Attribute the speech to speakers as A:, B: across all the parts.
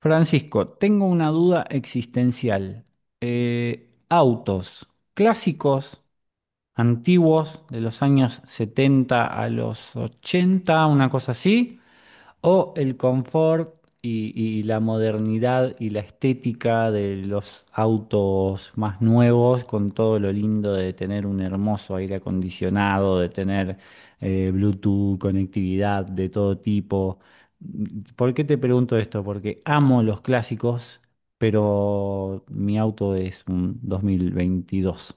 A: Francisco, tengo una duda existencial. Autos clásicos, antiguos, de los años 70 a los 80, una cosa así, o el confort y, y la modernidad y la estética de los autos más nuevos, con todo lo lindo de tener un hermoso aire acondicionado, de tener Bluetooth, conectividad de todo tipo. ¿Por qué te pregunto esto? Porque amo los clásicos, pero mi auto es un 2022.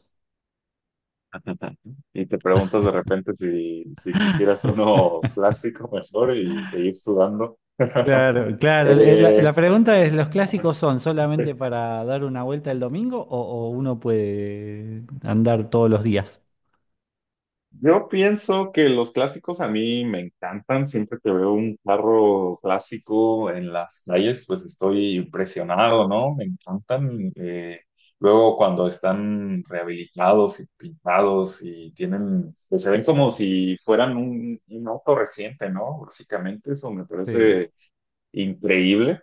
B: Ajá. Y te preguntas de repente si quisieras uno plástico mejor y e ir sudando.
A: Claro, claro. La
B: Eh,
A: pregunta es, ¿los
B: ay,
A: clásicos son solamente para dar una vuelta el domingo o uno puede andar todos los días?
B: yo pienso que los clásicos a mí me encantan. Siempre que veo un carro clásico en las calles, pues estoy impresionado, ¿no? Me encantan. Luego cuando están rehabilitados y pintados y tienen, pues se ven como si fueran un auto reciente, ¿no? Básicamente eso me
A: Sí.
B: parece increíble.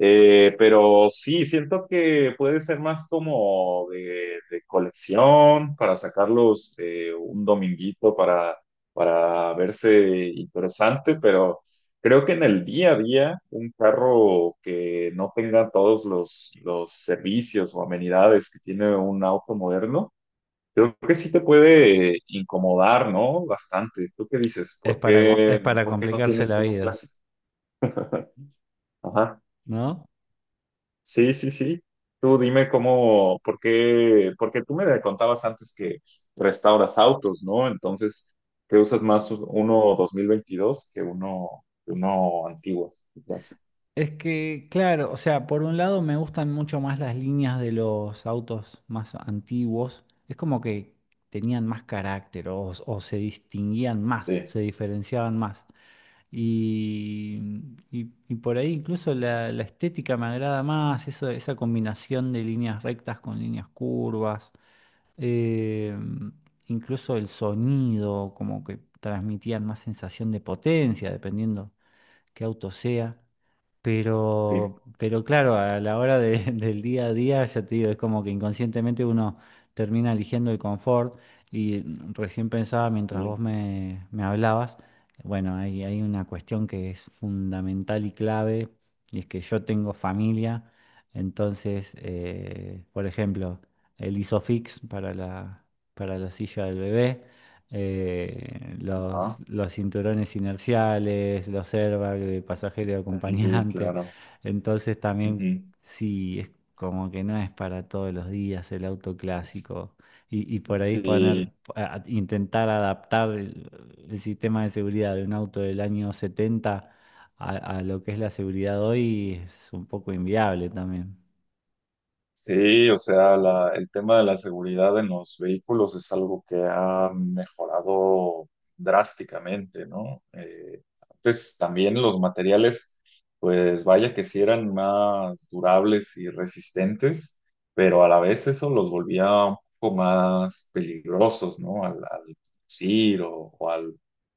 B: Pero sí, siento que puede ser más como de colección para sacarlos un dominguito para verse interesante, pero creo que en el día a día un carro que no tenga todos los servicios o amenidades que tiene un auto moderno, creo que sí te puede incomodar, ¿no? Bastante. ¿Tú qué dices?
A: Es
B: ¿Por
A: para, co- es
B: qué,
A: para
B: por qué no
A: complicarse
B: tienes
A: la
B: uno
A: vida,
B: clásico?
A: ¿no?
B: Sí, sí, sí. Tú dime cómo, por qué, porque tú me contabas antes que restauras autos, ¿no? Entonces, ¿qué usas más uno 2022 que uno antiguo? Entonces,
A: Es que, claro, o sea, por un lado me gustan mucho más las líneas de los autos más antiguos. Es como que tenían más carácter o se distinguían más,
B: sí,
A: se diferenciaban más. Y, y por ahí incluso la estética me agrada más, eso, esa combinación de líneas rectas con líneas curvas. eh, Incluso el sonido, como que transmitían más sensación de potencia, dependiendo qué auto sea.
B: sí,
A: Pero claro, a la hora del día a día, ya te digo, es como que inconscientemente uno termina eligiendo el confort. Y recién pensaba mientras vos
B: sí.
A: me hablabas, bueno, hay una cuestión que es fundamental y clave, y es que yo tengo familia. Entonces, por ejemplo, el Isofix para la silla del bebé, los,
B: Ajá.
A: los cinturones inerciales, los airbags de pasajero y
B: Sí,
A: acompañante.
B: claro.
A: Entonces también
B: Ujú.
A: sí, es como que no es para todos los días el auto clásico. Y por ahí poner,
B: Sí,
A: intentar adaptar el sistema de seguridad de un auto del año 70 a, a lo que es la seguridad hoy es un poco inviable también.
B: sí, o sea, la- el tema de la seguridad en los vehículos es algo que ha mejorado drásticamente, ¿no? Antes también los materiales, pues vaya que sí eran más durables y resistentes, pero a la vez eso los volvía un poco más peligrosos, ¿no? Al conducir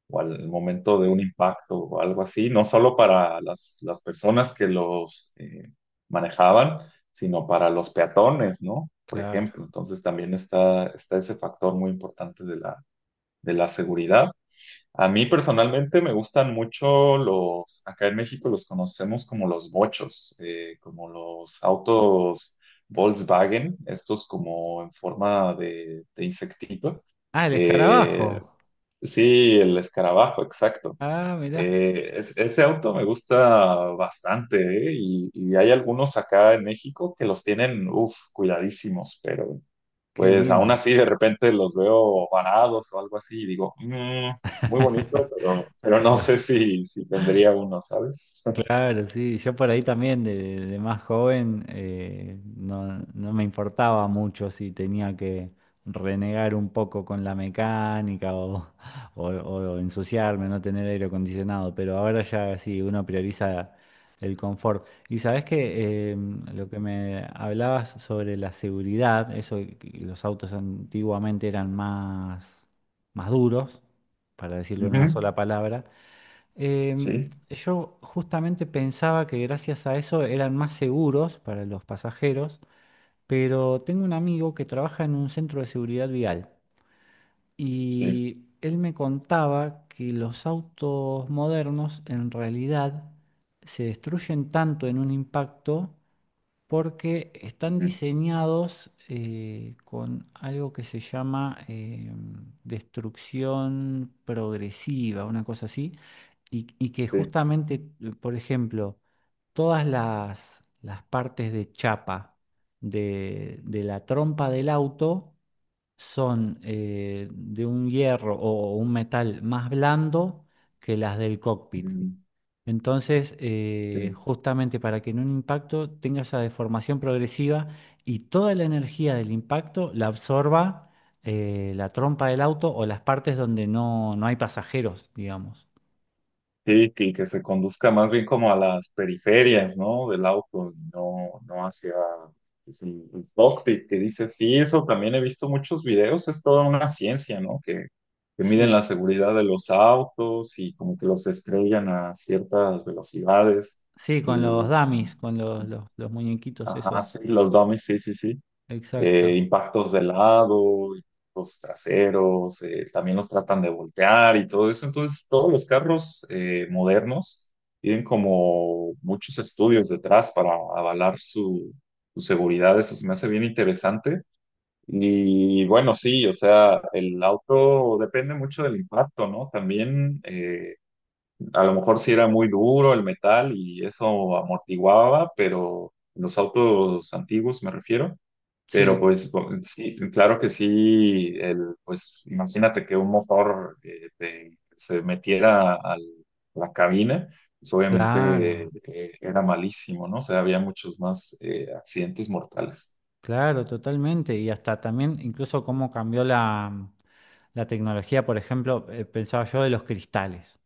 B: o al momento de un impacto o algo así, no solo para las personas que los manejaban, sino para los peatones, ¿no? Por
A: Claro.
B: ejemplo, entonces también está ese factor muy importante de la seguridad. A mí personalmente me gustan mucho los, acá en México los conocemos como los bochos, como los autos Volkswagen, estos como en forma de insectito.
A: Ah, el
B: Eh,
A: escarabajo.
B: sí, el escarabajo, exacto.
A: Ah, mirá,
B: Es- ese auto me gusta bastante, ¿eh? Y hay algunos acá en México que los tienen, uff, cuidadísimos, pero
A: qué
B: pues aún
A: lindo.
B: así de repente los veo varados o algo así y digo, "Mm, muy bonito, pero no
A: Pero
B: sé si, si tendría uno, ¿sabes?"
A: claro, sí, yo por ahí también de más joven no, no me importaba mucho si tenía que renegar un poco con la mecánica o, o ensuciarme, no tener aire acondicionado, pero ahora ya sí, uno prioriza el confort. Y sabes que lo que me hablabas sobre la seguridad, eso de que los autos antiguamente eran más, más duros, para decirlo en
B: Ujú,
A: una sola palabra. Em,
B: sí,
A: yo justamente pensaba que gracias a eso eran más seguros para los pasajeros, pero tengo un amigo que trabaja en un centro de seguridad vial
B: sí,
A: y él me contaba que los autos modernos en realidad se destruyen tanto en un impacto porque están
B: ujú,
A: diseñados con algo que se llama destrucción progresiva, una cosa así, y que
B: sí,
A: justamente, por ejemplo, todas las partes de chapa de la trompa del auto son de un hierro o un metal más blando que las del cockpit.
B: mm,
A: Entonces,
B: sí.
A: justamente para que en un impacto tenga esa deformación progresiva y toda la energía del impacto la absorba la trompa del auto o las partes donde no, no hay pasajeros, digamos.
B: Sí, que se conduzca más bien como a las periferias, ¿no? Del auto, y no, no hacia pues, el cockpit, que dice, sí, eso también he visto muchos videos, es toda una ciencia, ¿no? Que miden
A: Sí,
B: la seguridad de los autos y como que los estrellan a ciertas velocidades.
A: sí, con los
B: Y,
A: dummies, con los muñequitos esos.
B: ajá, sí, los dummies, sí, sí, sí,
A: Exacto.
B: impactos de lado, los traseros, también los tratan de voltear y todo eso. Entonces, todos los carros modernos tienen como muchos estudios detrás para avalar su, su seguridad. Eso se me hace bien interesante. Y bueno, sí, o sea, el auto depende mucho del impacto, ¿no? También a lo mejor sí era muy duro el metal y eso amortiguaba, pero los autos antiguos me refiero, pero
A: Sí,
B: pues bo- sí, claro que sí, el, pues imagínate que un motor te- se metiera al- a la cabina, pues obviamente
A: claro,
B: era malísimo, ¿no? O sea, había muchos más accidentes mortales.
A: claro, totalmente. Y hasta también, incluso cómo cambió la tecnología, por ejemplo, pensaba yo de los cristales.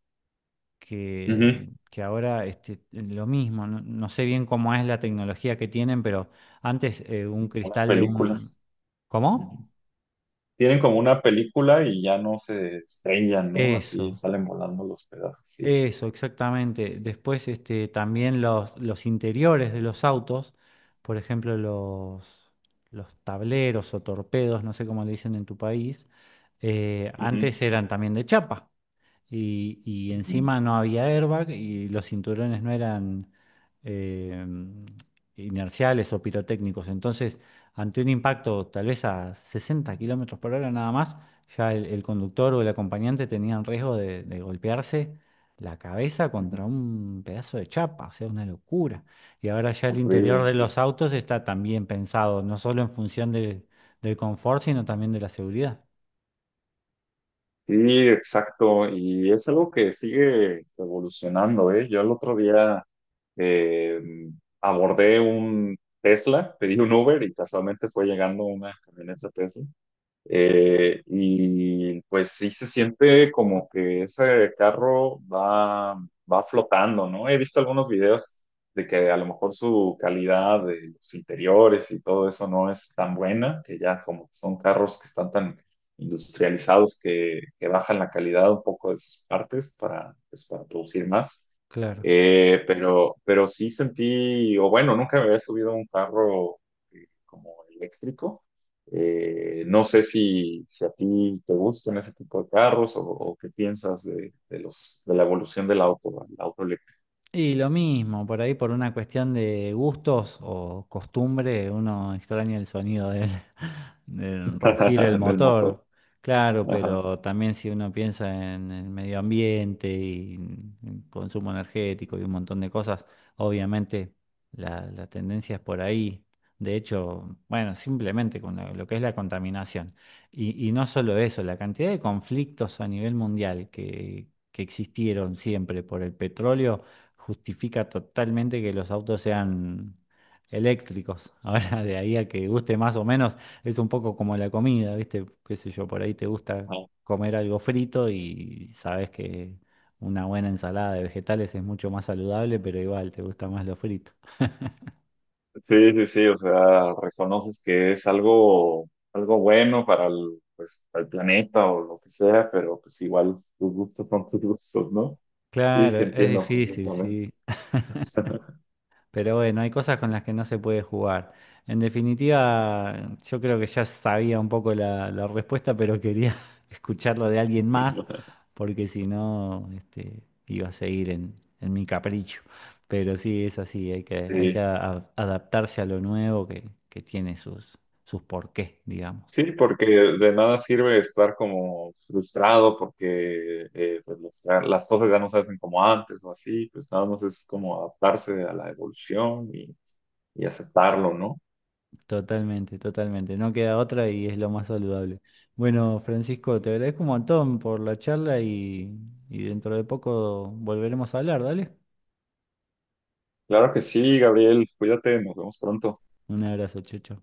A: que,
B: Ujú.
A: que ahora este, lo mismo, no, no sé bien cómo es la tecnología que tienen, pero antes un
B: Una
A: cristal de
B: película.
A: un... ¿Cómo?
B: Ujú. Tienen como una película y ya no se estrellan, ¿no? Así
A: Eso,
B: salen volando los pedazos, sí.
A: eso, exactamente. Después este, también los interiores de los autos, por ejemplo, los tableros o torpedos, no sé cómo le dicen en tu país,
B: Ujú,
A: antes eran también de chapa. Y
B: ujú,
A: encima no había airbag y los cinturones no eran eh, inerciales o pirotécnicos. Entonces, ante un impacto tal vez a 60 kilómetros por hora nada más, ya el conductor o el acompañante tenían riesgo de golpearse la cabeza
B: ujú.
A: contra un pedazo de chapa. O sea, una locura. Y ahora ya el interior
B: Horrible,
A: de
B: sí.
A: los autos está también pensado, no solo en función del confort, sino también de la seguridad.
B: Sí, exacto, y es algo que sigue evolucionando, ¿eh? Yo el otro día eh, abordé un Tesla, pedí un Uber y casualmente fue llegando una camioneta Tesla. Y pues sí se siente como que ese carro va, va flotando, ¿no? He visto algunos videos de que a lo mejor su calidad de los interiores y todo eso no es tan buena, que ya como que son carros que están tan industrializados que bajan la calidad un poco de sus partes para, pues, para producir más. Pero sí sentí, o bueno, nunca me había subido a un carro como eléctrico, no sé si, si a ti te gustan ese tipo de carros o qué piensas de los, de la evolución del auto, el auto eléctrico,
A: Y lo mismo, por ahí por una cuestión de gustos o costumbre, uno extraña el sonido del, del rugir el
B: del motor.
A: motor, claro,
B: Ajá.
A: pero también si uno piensa en el medio ambiente y en consumo energético y un montón de cosas, obviamente la tendencia es por ahí. De hecho, bueno, simplemente con lo que es la contaminación. Y no solo eso, la cantidad de conflictos a nivel mundial que existieron siempre por el petróleo justifica totalmente que los autos sean eléctricos. Ahora, de ahí a que guste más o menos, es un poco como la comida, ¿viste? Qué sé yo, por ahí te gusta
B: Ajá.
A: comer algo frito y sabes que una buena ensalada de vegetales es mucho más saludable, pero igual te gusta más lo frito.
B: Sí, sí, sí, o sea, reconoces que es algo, algo bueno para el, pues, para el planeta o lo que sea, pero pues igual tus gustos son tus gustos, ¿no? Y
A: Claro,
B: sí
A: es
B: entiendo
A: difícil,
B: completamente.
A: sí. Pero bueno, hay cosas con las que no se puede jugar. En definitiva, yo creo que ya sabía un poco la respuesta, pero quería escucharlo de alguien más, porque si no, este, iba a seguir en mi capricho. Pero sí, es así, hay que, hay que
B: Sí.
A: a- adaptarse a lo nuevo que tiene sus porqués, digamos.
B: Sí, porque de nada sirve estar como frustrado porque pues, los- ah, las cosas ya no se hacen como antes o así, pues nada más es como adaptarse a la evolución y aceptarlo, ¿no?
A: Totalmente, totalmente. No queda otra y es lo más saludable. Bueno, Francisco, te
B: Sí.
A: agradezco un montón por la charla y dentro de poco volveremos a hablar, ¿dale?
B: Claro que sí, Gabriel, cuídate, nos vemos pronto.
A: Un abrazo, Checho.